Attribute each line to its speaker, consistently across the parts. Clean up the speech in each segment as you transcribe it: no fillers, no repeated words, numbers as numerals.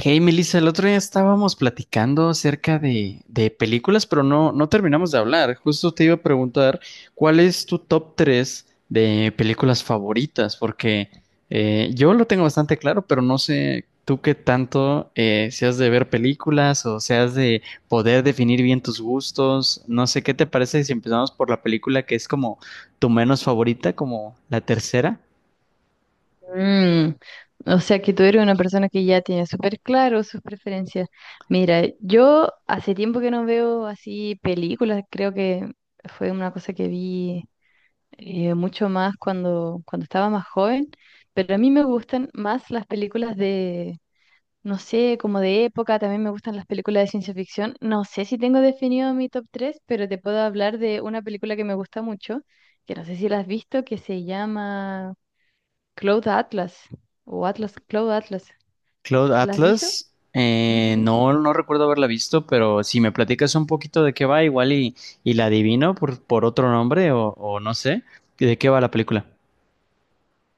Speaker 1: Hey Melissa, el otro día estábamos platicando acerca de películas, pero no terminamos de hablar. Justo te iba a preguntar cuál es tu top 3 de películas favoritas, porque yo lo tengo bastante claro, pero no sé tú qué tanto seas de ver películas o seas de poder definir bien tus gustos. No sé qué te parece si empezamos por la película que es como tu menos favorita, como la tercera.
Speaker 2: Mm, o sea que tú eres una persona que ya tiene súper claro sus preferencias. Mira, yo hace tiempo que no veo así películas, creo que fue una cosa que vi mucho más cuando estaba más joven, pero a mí me gustan más las películas de, no sé, como de época, también me gustan las películas de ciencia ficción. No sé si tengo definido mi top tres, pero te puedo hablar de una película que me gusta mucho, que no sé si la has visto, que se llama... Cloud Atlas o Atlas, Cloud Atlas.
Speaker 1: Cloud
Speaker 2: ¿La has visto?
Speaker 1: Atlas,
Speaker 2: Ujú.
Speaker 1: no, no recuerdo haberla visto, pero si me platicas un poquito de qué va, y la adivino por otro nombre o no sé, ¿de qué va la película?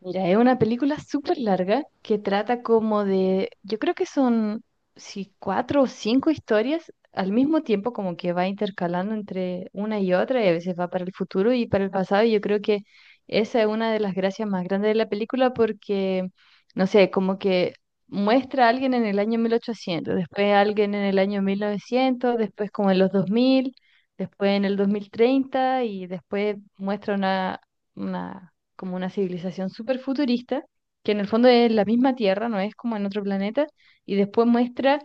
Speaker 2: Mira, es una película súper larga que trata como de, yo creo que son si cuatro o cinco historias al mismo tiempo, como que va intercalando entre una y otra y a veces va para el futuro y para el pasado. Y yo creo que esa es una de las gracias más grandes de la película porque, no sé, como que muestra a alguien en el año 1800, después a alguien en el año 1900, después como en los 2000, después en el 2030 y después muestra una como una civilización súper futurista, que en el fondo es la misma Tierra, no es como en otro planeta, y después muestra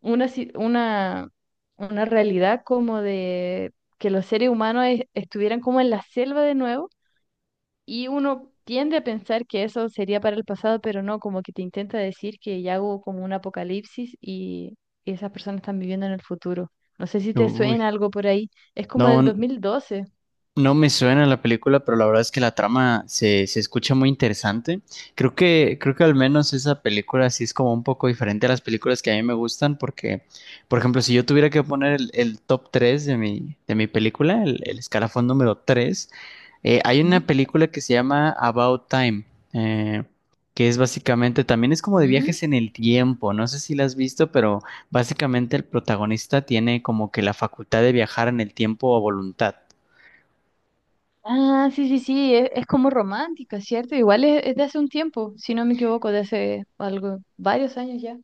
Speaker 2: una, ci- una, una realidad como de que los seres humanos estuvieran como en la selva de nuevo, y uno tiende a pensar que eso sería para el pasado, pero no, como que te intenta decir que ya hubo como un apocalipsis y esas personas están viviendo en el futuro. No sé si te suena
Speaker 1: Uy,
Speaker 2: algo por ahí. Es como del
Speaker 1: no,
Speaker 2: 2012.
Speaker 1: no me suena la película, pero la verdad es que la trama se escucha muy interesante. Creo que al menos esa película sí es como un poco diferente a las películas que a mí me gustan, porque, por ejemplo, si yo tuviera que poner el top 3 de de mi película, el escalafón número 3, hay una
Speaker 2: ¿Mm?
Speaker 1: película que se llama About Time, eh, que es básicamente, también es como de
Speaker 2: ¿Mm?
Speaker 1: viajes en el tiempo, no sé si la has visto, pero básicamente el protagonista tiene como que la facultad de viajar en el tiempo a voluntad.
Speaker 2: Ah, sí, sí, sí, es como romántica, ¿cierto? Igual es de hace un tiempo, si no me equivoco, de hace algo, varios años ya.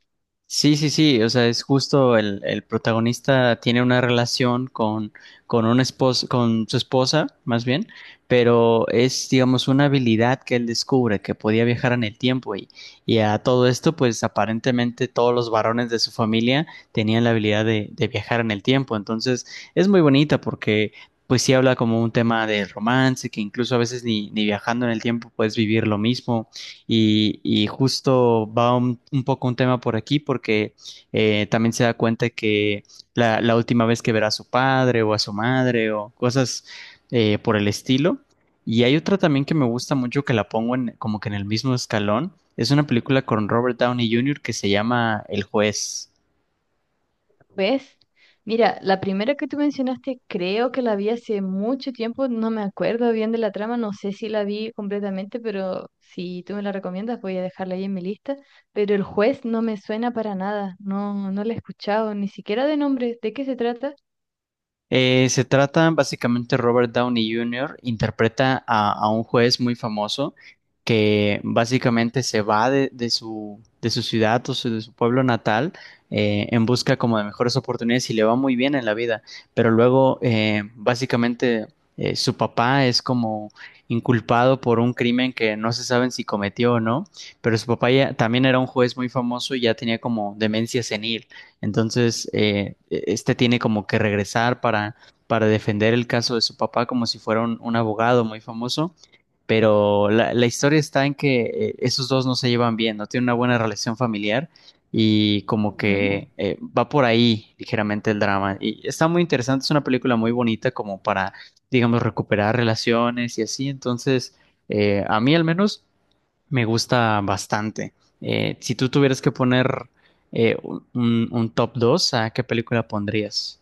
Speaker 1: Sí, sí, sí, o sea, es justo el protagonista tiene una relación con, con su esposa, más bien, pero es, digamos, una habilidad que él descubre, que podía viajar en el tiempo y a todo esto, pues aparentemente todos los varones de su familia tenían la habilidad de viajar en el tiempo, entonces es muy bonita porque, pues sí habla como un tema de romance, que incluso a veces ni viajando en el tiempo puedes vivir lo mismo. Y justo va un poco un tema por aquí porque también se da cuenta que la última vez que verá a su padre o a su madre o cosas por el estilo. Y hay otra también que me gusta mucho que la pongo en, como que en el mismo escalón. Es una película con Robert Downey Jr. que se llama El Juez.
Speaker 2: ¿Ves? Mira, la primera que tú mencionaste, creo que la vi hace mucho tiempo, no me acuerdo bien de la trama, no sé si la vi completamente, pero si tú me la recomiendas, voy a dejarla ahí en mi lista. Pero el juez no me suena para nada, no, no la he escuchado, ni siquiera de nombre. ¿De qué se trata?
Speaker 1: Se trata básicamente Robert Downey Jr. interpreta a un juez muy famoso que básicamente se va de, de su ciudad o de su pueblo natal en busca como de mejores oportunidades y le va muy bien en la vida. Pero luego básicamente su papá es como inculpado por un crimen que no se saben si cometió o no, pero su papá ya, también era un juez muy famoso y ya tenía como demencia senil. Entonces, este tiene como que regresar para defender el caso de su papá como si fuera un abogado muy famoso, pero la historia está en que esos dos no se llevan bien, no tienen una buena relación familiar y como
Speaker 2: Ujú.
Speaker 1: que va por ahí ligeramente el drama. Y está muy interesante, es una película muy bonita como para, digamos, recuperar relaciones y así. Entonces, a mí al menos me gusta bastante. Si tú tuvieras que poner un top 2, ¿a qué película pondrías?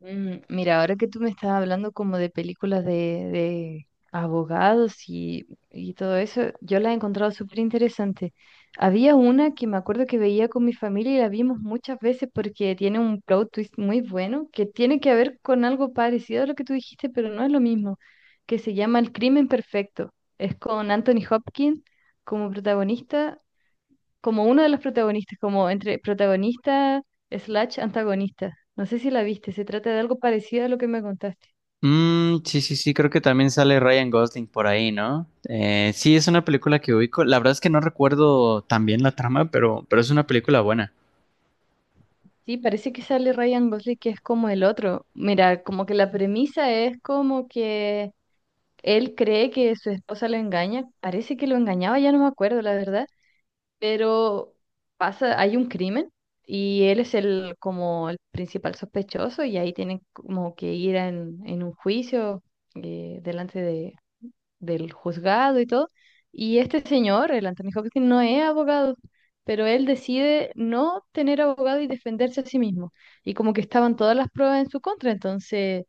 Speaker 2: Mira, ahora que tú me estás hablando como de películas de abogados y todo eso, yo las he encontrado súper interesantes. Había una que me acuerdo que veía con mi familia y la vimos muchas veces porque tiene un plot twist muy bueno que tiene que ver con algo parecido a lo que tú dijiste, pero no es lo mismo, que se llama El Crimen Perfecto. Es con Anthony Hopkins como protagonista, como uno de los protagonistas, como entre protagonista slash antagonista. No sé si la viste, se trata de algo parecido a lo que me contaste.
Speaker 1: Mm, sí, sí, sí, creo que también sale Ryan Gosling por ahí, ¿no? Sí, es una película que ubico. La verdad es que no recuerdo tan bien la trama, pero es una película buena.
Speaker 2: Sí, parece que sale Ryan Gosling, que es como el otro. Mira, como que la premisa es como que él cree que su esposa lo engaña. Parece que lo engañaba, ya no me acuerdo, la verdad. Pero pasa, hay un crimen y él es el como el principal sospechoso y ahí tienen como que ir en un juicio delante del juzgado y todo. Y este señor, el Anthony Hopkins, no es abogado, pero él decide no tener abogado y defenderse a sí mismo. Y como que estaban todas las pruebas en su contra, entonces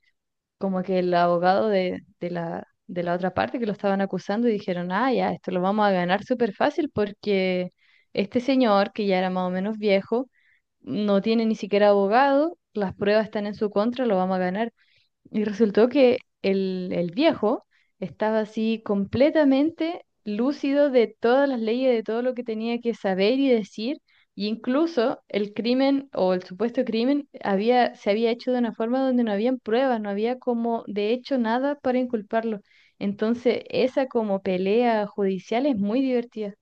Speaker 2: como que el abogado de la otra parte que lo estaban acusando y dijeron, ah, ya, esto lo vamos a ganar súper fácil porque este señor, que ya era más o menos viejo, no tiene ni siquiera abogado, las pruebas están en su contra, lo vamos a ganar. Y resultó que el viejo estaba así completamente lúcido de todas las leyes, de todo lo que tenía que saber y decir, y incluso el crimen o el supuesto crimen había, se había hecho de una forma donde no habían pruebas, no había como de hecho nada para inculparlo. Entonces, esa como pelea judicial es muy divertida.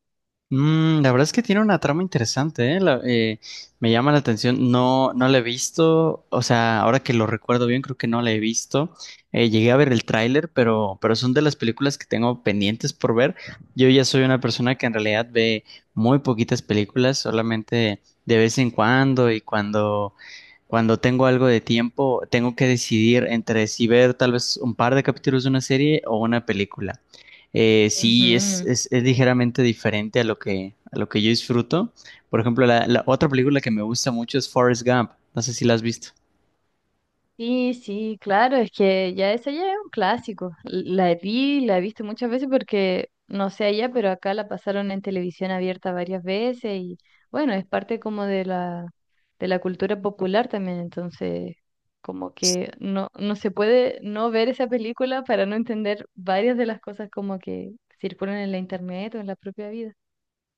Speaker 1: Mm, la verdad es que tiene una trama interesante, ¿eh? Me llama la atención. No, no la he visto. O sea, ahora que lo recuerdo bien, creo que no la he visto. Llegué a ver el tráiler, pero son de las películas que tengo pendientes por ver. Yo ya soy una persona que en realidad ve muy poquitas películas, solamente de vez en cuando y cuando cuando tengo algo de tiempo, tengo que decidir entre si ver tal vez un par de capítulos de una serie o una película. Sí,
Speaker 2: Ujú.
Speaker 1: es ligeramente diferente a lo que yo disfruto. Por ejemplo, la otra película que me gusta mucho es Forrest Gump. No sé si la has visto.
Speaker 2: Sí, sí, claro, es que ya esa ya es un clásico. La vi, la he visto muchas veces porque, no sé allá, pero acá la pasaron en televisión abierta varias veces y bueno, es parte como de la cultura popular también, entonces como que no, no se puede no ver esa película para no entender varias de las cosas como que circulan en la internet o en la propia vida.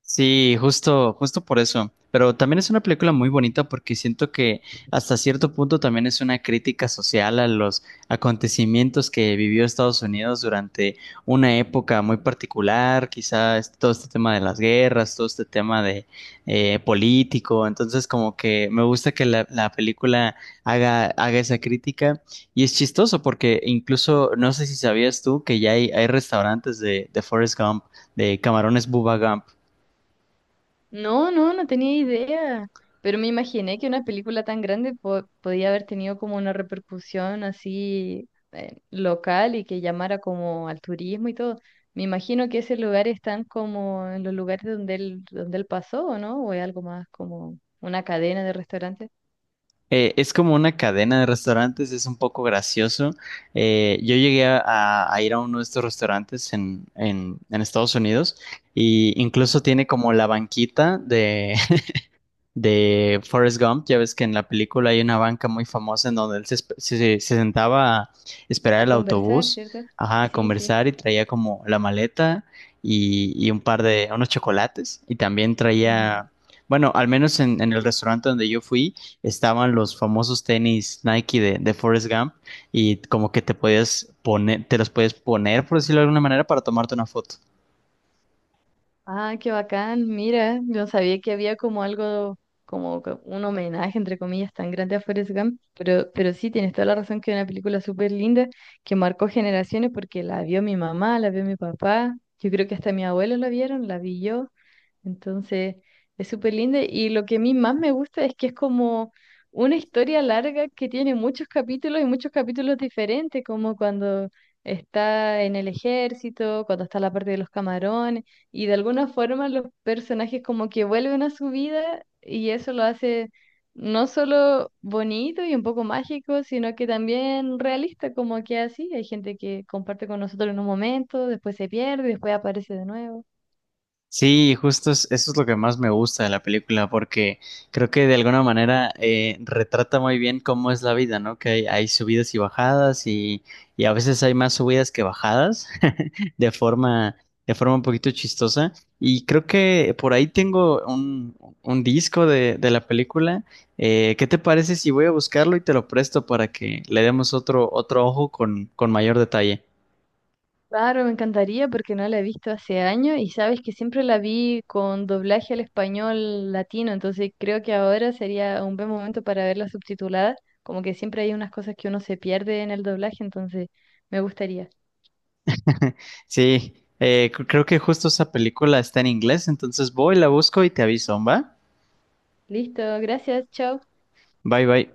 Speaker 1: Sí, justo, justo por eso. Pero también es una película muy bonita porque siento que hasta cierto punto también es una crítica social a los acontecimientos que vivió Estados Unidos durante una época muy particular, quizás todo este tema de las guerras, todo este tema de político. Entonces, como que me gusta que la película haga esa crítica. Y es chistoso porque incluso, no sé si sabías tú que ya hay restaurantes de Forrest Gump, de camarones Bubba Gump.
Speaker 2: No, no, no tenía idea, pero me imaginé que una película tan grande podía haber tenido como una repercusión así, local y que llamara como al turismo y todo. Me imagino que esos lugares están como en los lugares donde él pasó, ¿o no? O es algo más como una cadena de restaurantes.
Speaker 1: Es como una cadena de restaurantes, es un poco gracioso. Yo llegué a ir a uno de estos restaurantes en, en Estados Unidos y incluso tiene como la banquita de Forrest Gump. Ya ves que en la película hay una banca muy famosa en donde él se, se sentaba a esperar
Speaker 2: A
Speaker 1: el
Speaker 2: conversar,
Speaker 1: autobús,
Speaker 2: ¿cierto?
Speaker 1: ajá, a
Speaker 2: Sí, sí.
Speaker 1: conversar y traía como la maleta y un par de, unos chocolates. Y también traía, bueno, al menos en el restaurante donde yo fui, estaban los famosos tenis Nike de Forrest Gump y como que te podías poner, te los podías poner, por decirlo de alguna manera, para tomarte una foto.
Speaker 2: Ah, qué bacán, mira, yo no sabía que había como algo, como que un homenaje, entre comillas, tan grande a Forrest Gump, pero sí, tienes toda la razón que es una película súper linda que marcó generaciones porque la vio mi mamá, la vio mi papá, yo creo que hasta mi abuelo la vieron, la vi yo, entonces, es súper linda y lo que a mí más me gusta es que es como una historia larga que tiene muchos capítulos y muchos capítulos diferentes, como cuando está en el ejército, cuando está la parte de los camarones y de alguna forma los personajes como que vuelven a su vida y eso lo hace no solo bonito y un poco mágico, sino que también realista, como que así, hay gente que comparte con nosotros en un momento, después se pierde, después aparece de nuevo.
Speaker 1: Sí, justo eso es lo que más me gusta de la película, porque creo que de alguna manera retrata muy bien cómo es la vida, ¿no? Que hay subidas y bajadas y a veces hay más subidas que bajadas, de forma, de forma un poquito chistosa. Y creo que por ahí tengo un disco de la película. ¿Qué te parece si voy a buscarlo y te lo presto para que le demos otro, otro ojo con mayor detalle?
Speaker 2: Claro, me encantaría porque no la he visto hace años y sabes que siempre la vi con doblaje al español latino, entonces creo que ahora sería un buen momento para verla subtitulada, como que siempre hay unas cosas que uno se pierde en el doblaje, entonces me gustaría.
Speaker 1: Sí, creo que justo esa película está en inglés, entonces voy, la busco y te aviso, ¿va?
Speaker 2: Listo, gracias, chao.
Speaker 1: Bye bye.